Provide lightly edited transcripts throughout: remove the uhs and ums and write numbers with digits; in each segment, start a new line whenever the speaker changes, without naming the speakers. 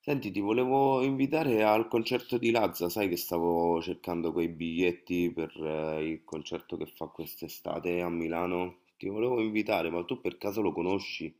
Senti, ti volevo invitare al concerto di Lazza, sai che stavo cercando quei biglietti per il concerto che fa quest'estate a Milano. Ti volevo invitare, ma tu per caso lo conosci?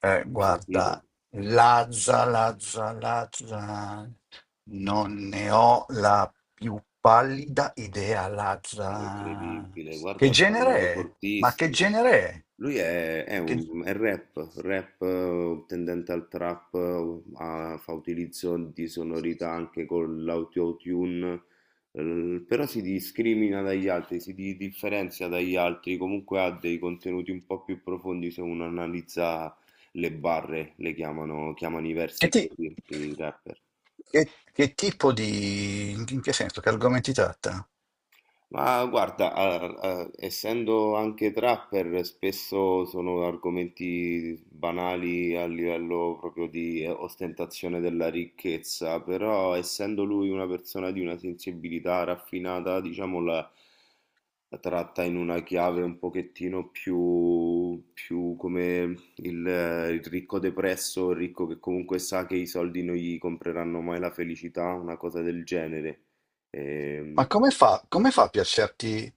L'hai
Guarda,
sentito?
Lazza, non ne ho la più pallida idea,
No,
Lazza.
incredibile,
Che
guarda, sta
genere
andando
è? Ma che
fortissimo.
genere è?
Lui è
Che,
un è rap, rap, tendente al trap, fa utilizzo di sonorità anche con l'autotune, però si discrimina dagli altri, differenzia dagli altri, comunque ha dei contenuti un po' più profondi se uno analizza le barre, le chiamano, chiamano i
che
versi
ti-
così, i rapper.
che tipo di... In che senso? Che argomenti tratta?
Ma guarda, essendo anche trapper, spesso sono argomenti banali a livello proprio di ostentazione della ricchezza, però essendo lui una persona di una sensibilità raffinata, diciamo la, la tratta in una chiave un pochettino più, più come il ricco depresso, il ricco che comunque sa che i soldi non gli compreranno mai la felicità, una cosa del genere.
Ma
Ehm,
come fa a piacerti?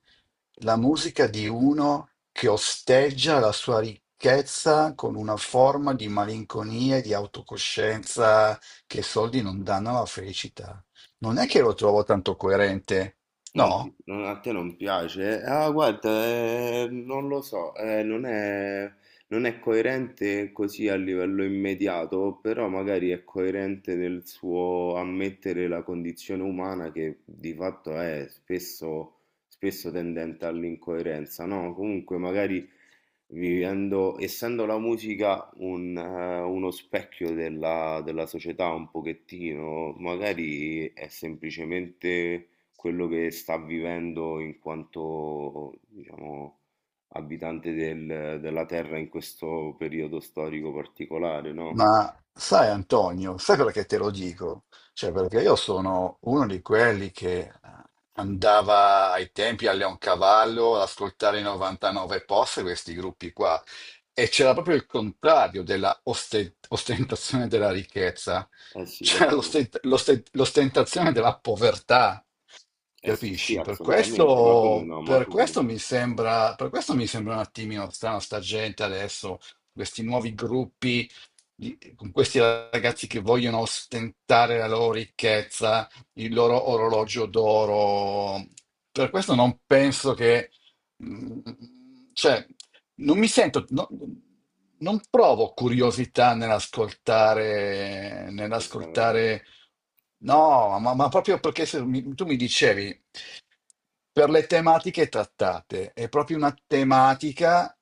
La musica di uno che osteggia la sua ricchezza con una forma di malinconia e di autocoscienza che i soldi non danno alla felicità. Non è che lo trovo tanto coerente,
Non ti-
no?
non- a te non piace? Ah, guarda, non lo so, non è, non è coerente così a livello immediato, però magari è coerente nel suo ammettere la condizione umana che di fatto è spesso, spesso tendente all'incoerenza, no? Comunque magari vivendo, essendo la musica un, uno specchio della società un pochettino, magari è semplicemente quello che sta vivendo in quanto, diciamo, della Terra in questo periodo storico particolare, no?
Ma sai Antonio, sai perché te lo dico? Cioè, perché io sono uno di quelli che andava ai tempi a Leoncavallo ad ascoltare i 99 post, questi gruppi qua, e c'era proprio il contrario della ostentazione della ricchezza,
Eh sì, lo
c'era
so.
l'ostentazione della povertà,
Eh sì, sì,
capisci?
assolutamente, ma come no, ma
Per
come
questo
no?
mi sembra, per questo mi sembra un attimino strano sta gente adesso, questi nuovi gruppi con questi ragazzi che vogliono ostentare la loro ricchezza, il loro orologio d'oro. Per questo non penso che, mm, cioè, non mi sento, non provo curiosità
Questa...
nell'ascoltare, no, ma proprio perché se mi- tu mi dicevi per le tematiche trattate. È proprio una tematica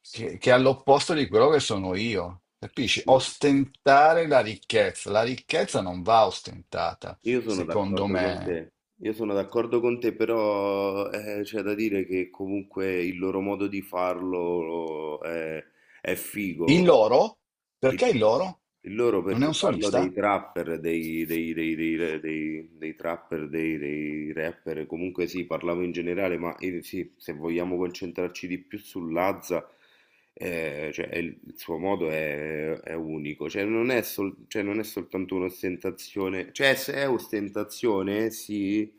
che è all'opposto di quello che sono io.
Sì,
Capisci?
sì.
Ostentare la ricchezza. La ricchezza non va ostentata,
Io sono
secondo
d'accordo con
me.
te. Io sono d'accordo con te, però c'è da dire che comunque il loro modo di farlo è
Il
figo.
loro? Perché il loro?
Il loro
Non è
perché
un
parlo
solista?
dei trapper, dei trapper, dei rapper, comunque sì, parlavo in generale, ma sì, se vogliamo concentrarci di più sull'Azza, cioè, è il suo modo è unico, cioè non è, cioè, non è soltanto un'ostentazione, cioè se è ostentazione sì,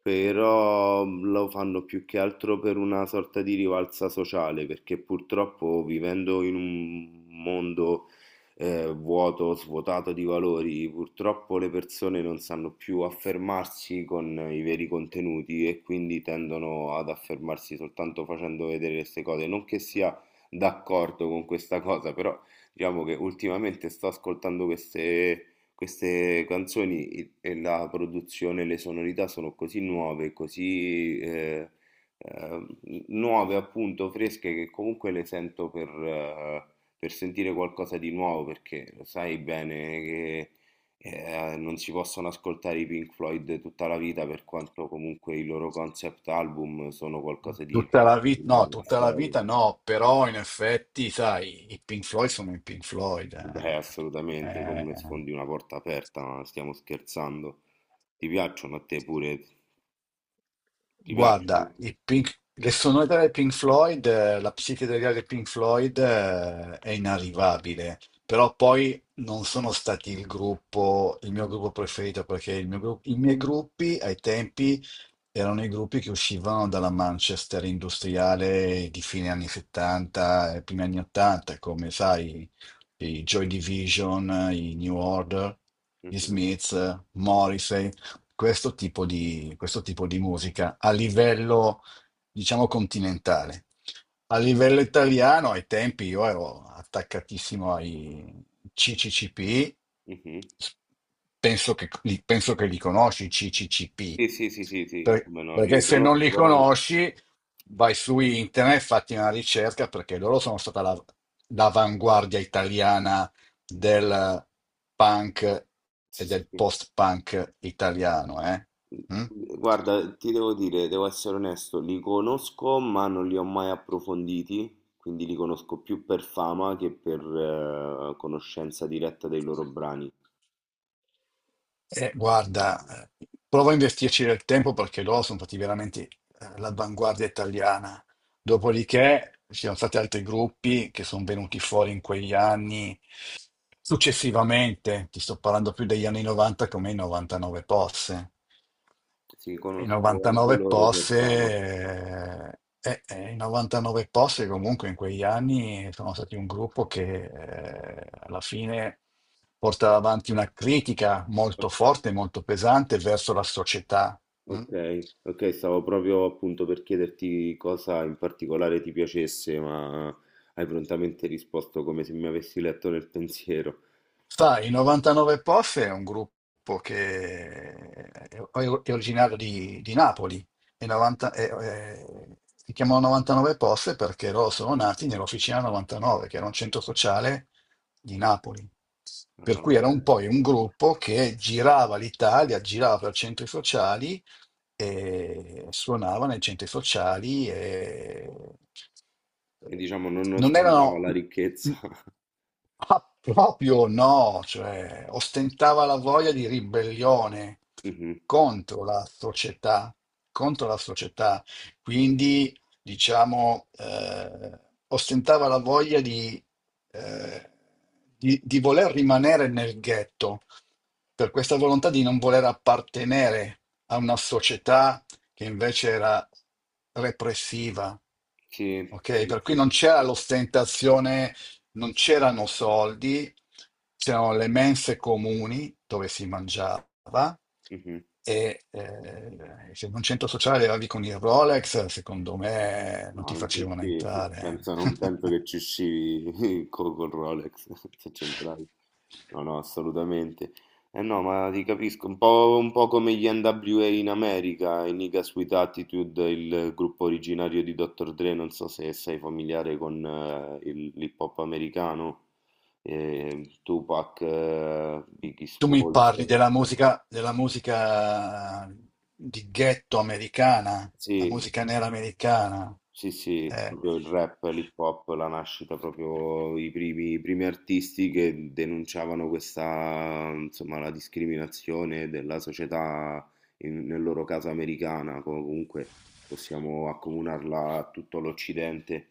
però lo fanno più che altro per una sorta di rivalsa sociale, perché purtroppo vivendo in un mondo vuoto, svuotato di valori. Purtroppo le persone non sanno più affermarsi con i veri contenuti e quindi tendono ad affermarsi soltanto facendo vedere queste cose. Non che sia d'accordo con questa cosa, però diciamo che ultimamente sto ascoltando queste queste canzoni e la produzione e le sonorità sono così nuove, così eh, nuove appunto, fresche, che comunque le sento per sentire qualcosa di nuovo, perché lo sai bene che non si possono ascoltare i Pink Floyd tutta la vita, per quanto comunque i loro concept album sono qualcosa di
Tutta la vita,
ripetibile
no,
nella
tutta la
storia.
vita no, però in effetti, sai, i Pink Floyd sono i Pink Floyd.
Beh,
Eh.
assolutamente,
Eh,
come sfondi una porta aperta, ma stiamo scherzando. Ti piacciono a te pure? Ti
guarda,
piacciono?
le sonorità dei Pink Floyd, la psichedelia dei Pink Floyd, è inarrivabile, però poi non sono stati il gruppo, il mio gruppo preferito, perché i miei gruppi ai tempi erano i gruppi che uscivano dalla Manchester industriale di fine anni 70 e primi anni 80, come sai, i Joy Division, i New Order, gli
Mhm,
Smiths, Morrissey, questo tipo di musica a livello, diciamo, continentale. A livello italiano, ai tempi io ero attaccatissimo ai CCCP,
mhm.
penso che li conosci, i CCCP.
Sì, sì, sì, sì, sì, come no, li
Perché se non
riconosco,
li
però... non-
conosci vai su internet, fatti una ricerca, perché loro sono stata l'avanguardia italiana del punk e
Sì,
del
sì.
post-punk italiano, eh? Mm?
Mhmm, guarda, ti devo dire, devo essere onesto, li conosco ma non li ho mai approfonditi, quindi li conosco più per fama che per conoscenza diretta dei loro brani.
Guarda, provo a investirci del tempo perché loro sono stati veramente l'avanguardia italiana. Dopodiché ci sono stati altri gruppi che sono venuti fuori in quegli anni. Successivamente, ti sto parlando più degli anni 90 come i 99 posse.
Sì,
I
conosco anche
99
loro per
posse,
fama.
eh, eh, eh, I 99 posse comunque in quegli anni sono stati un gruppo che alla fine portava avanti una critica molto forte, molto pesante verso la società. Mm?
Ok, ok, stavo proprio appunto per chiederti cosa in particolare ti piacesse, ma hai prontamente risposto come se mi avessi letto nel pensiero.
Sai, i 99 POF è un gruppo che è è originario di Napoli. Si chiamano 99 POF perché loro sono nati nell'Officina 99, che era un centro sociale di Napoli. Per
Ah,
cui era un
penso.
poi un gruppo che girava l'Italia, girava per centri sociali e suonava nei centri sociali e
E
eh,
diciamo non
non
ostentava
erano.
la ricchezza.
Ah, proprio no, cioè ostentava la voglia di ribellione contro la società, contro la società, quindi diciamo ostentava la voglia eh, di voler rimanere nel ghetto, per questa volontà di non voler appartenere a una società che invece era repressiva.
Sì, sì,
Ok, per cui
sì,
non
sì,
c'era
sì.
l'ostentazione, non c'erano soldi, c'erano le mense comuni dove si mangiava
Mhm.
e se in un centro sociale arrivavi con il Rolex, secondo me non
No,
ti
non ci
facevano
sì, sì.
entrare.
Penso, non penso che ci uscivi col Rolex se c'entravi. No, no, assolutamente. Eh no, ma ti capisco, un po' come gli NWA in America, i Niggas with Attitude, il gruppo originario di Dr. Dre, non so se sei familiare con l'hip hop americano, Tupac, Biggie
Tu mi
Smalls.
parli della musica di ghetto americana, la
Sì,
musica nera americana.
sì, sì,
Eh.
proprio il rap, l'hip hop, la nascita, proprio i primi artisti che denunciavano questa, insomma, la discriminazione della società, nel loro caso americana, comunque possiamo accomunarla a tutto l'Occidente,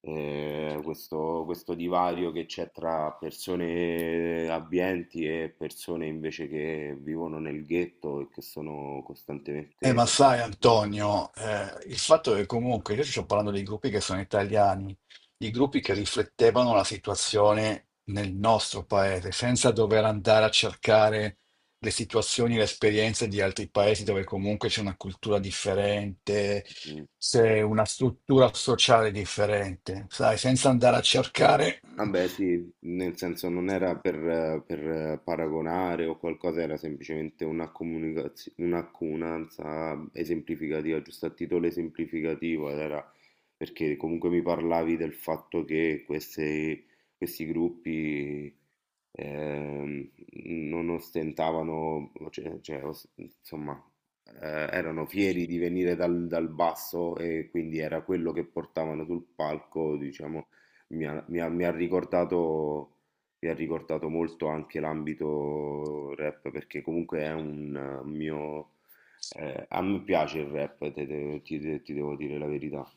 questo, questo divario che c'è tra persone abbienti e persone invece che vivono nel ghetto e che sono costantemente...
Ma sai Antonio, il fatto è che comunque io ti sto parlando dei gruppi che sono italiani, di gruppi che riflettevano la situazione nel nostro paese, senza dover andare a cercare le situazioni, le esperienze di altri paesi dove comunque c'è una cultura differente,
eh,
c'è una struttura sociale differente, sai, senza andare a cercare.
vabbè, sì, nel senso non era per, paragonare o qualcosa, era semplicemente una un'accomunanza esemplificativa, giusto a titolo esemplificativo, ed era perché comunque mi parlavi del fatto che questi gruppi ehm, non ostentavano, cioè, insomma, erano fieri di venire dal, dal basso e quindi era quello che portavano sul palco, diciamo mi ha, mi ha- mi ha ricordato, mi ha ricordato molto anche l'ambito rap perché comunque è un mio... a me piace il rap, ti devo dire la verità.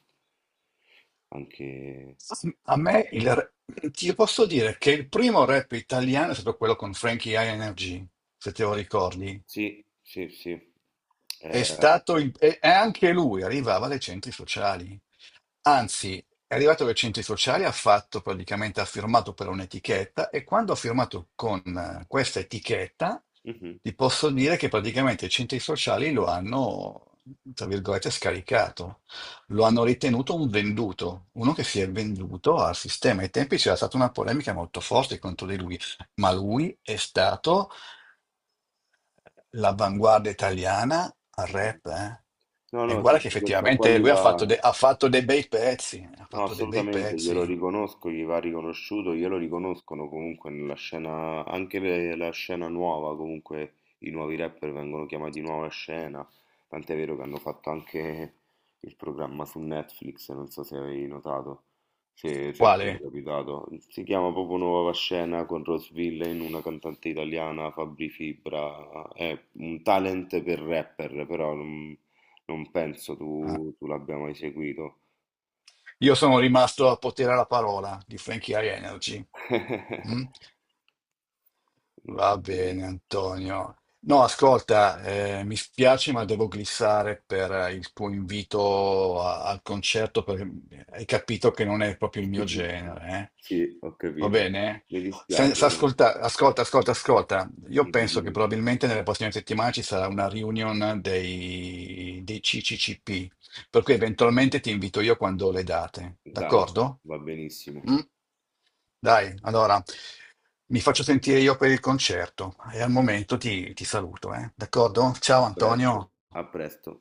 Anche...
Sì, A me il, re- ti posso dire che il primo rap italiano è stato quello con Frankie High Energy, se te lo ricordi.
Sì, sì, sì. Eh,
E e anche lui arrivava dai centri sociali. Anzi, è arrivato dai centri sociali, ha fatto praticamente, ha firmato per un'etichetta e quando ha firmato con questa etichetta,
mhm,
ti posso dire che praticamente i centri sociali lo hanno, tra virgolette, scaricato, lo hanno ritenuto un venduto, uno che si è venduto al sistema. Ai tempi c'era stata una polemica molto forte contro di lui, ma lui è stato l'avanguardia italiana al
mhm.
rap, eh?
No,
E
no, sì,
guarda che
sì, questo qua
effettivamente
gli
lui ha
va...
fatto, ha fatto dei bei pezzi, ha
No,
fatto dei bei
assolutamente, glielo
pezzi.
riconosco, gli va riconosciuto, glielo riconoscono comunque nella scena, anche la scena nuova, comunque i nuovi rapper vengono chiamati nuova scena, tant'è vero che hanno fatto anche il programma su Netflix, non so se avevi notato, se, se ti è
Quale?
capitato, si chiama proprio Nuova Scena con Rose Villain, una cantante italiana, Fabri Fibra, è un talent per rapper, però non, non penso
Ah,
tu l'abbia mai seguito.
io sono rimasto a potere alla parola di Frankie High Energy. Mm? Va
Okay.
bene, Antonio. No, ascolta, mi spiace, ma devo glissare per il tuo invito al concerto perché hai capito che non è proprio il mio genere, eh.
Sì, ho
Va
capito.
bene?
Mi
Senza
dispiace dai.
ascolta, ascolta, ascolta, ascolta. Io
Dimmi,
penso che
dimmi.
probabilmente nelle prossime settimane ci sarà una reunion dei CCCP, per cui eventualmente ti invito io quando ho le date,
Dai,
d'accordo?
va benissimo.
Mm? Dai, allora mi faccio sentire io per il concerto e al momento ti saluto, eh? D'accordo?
A
Ciao
presto,
Antonio.
a presto.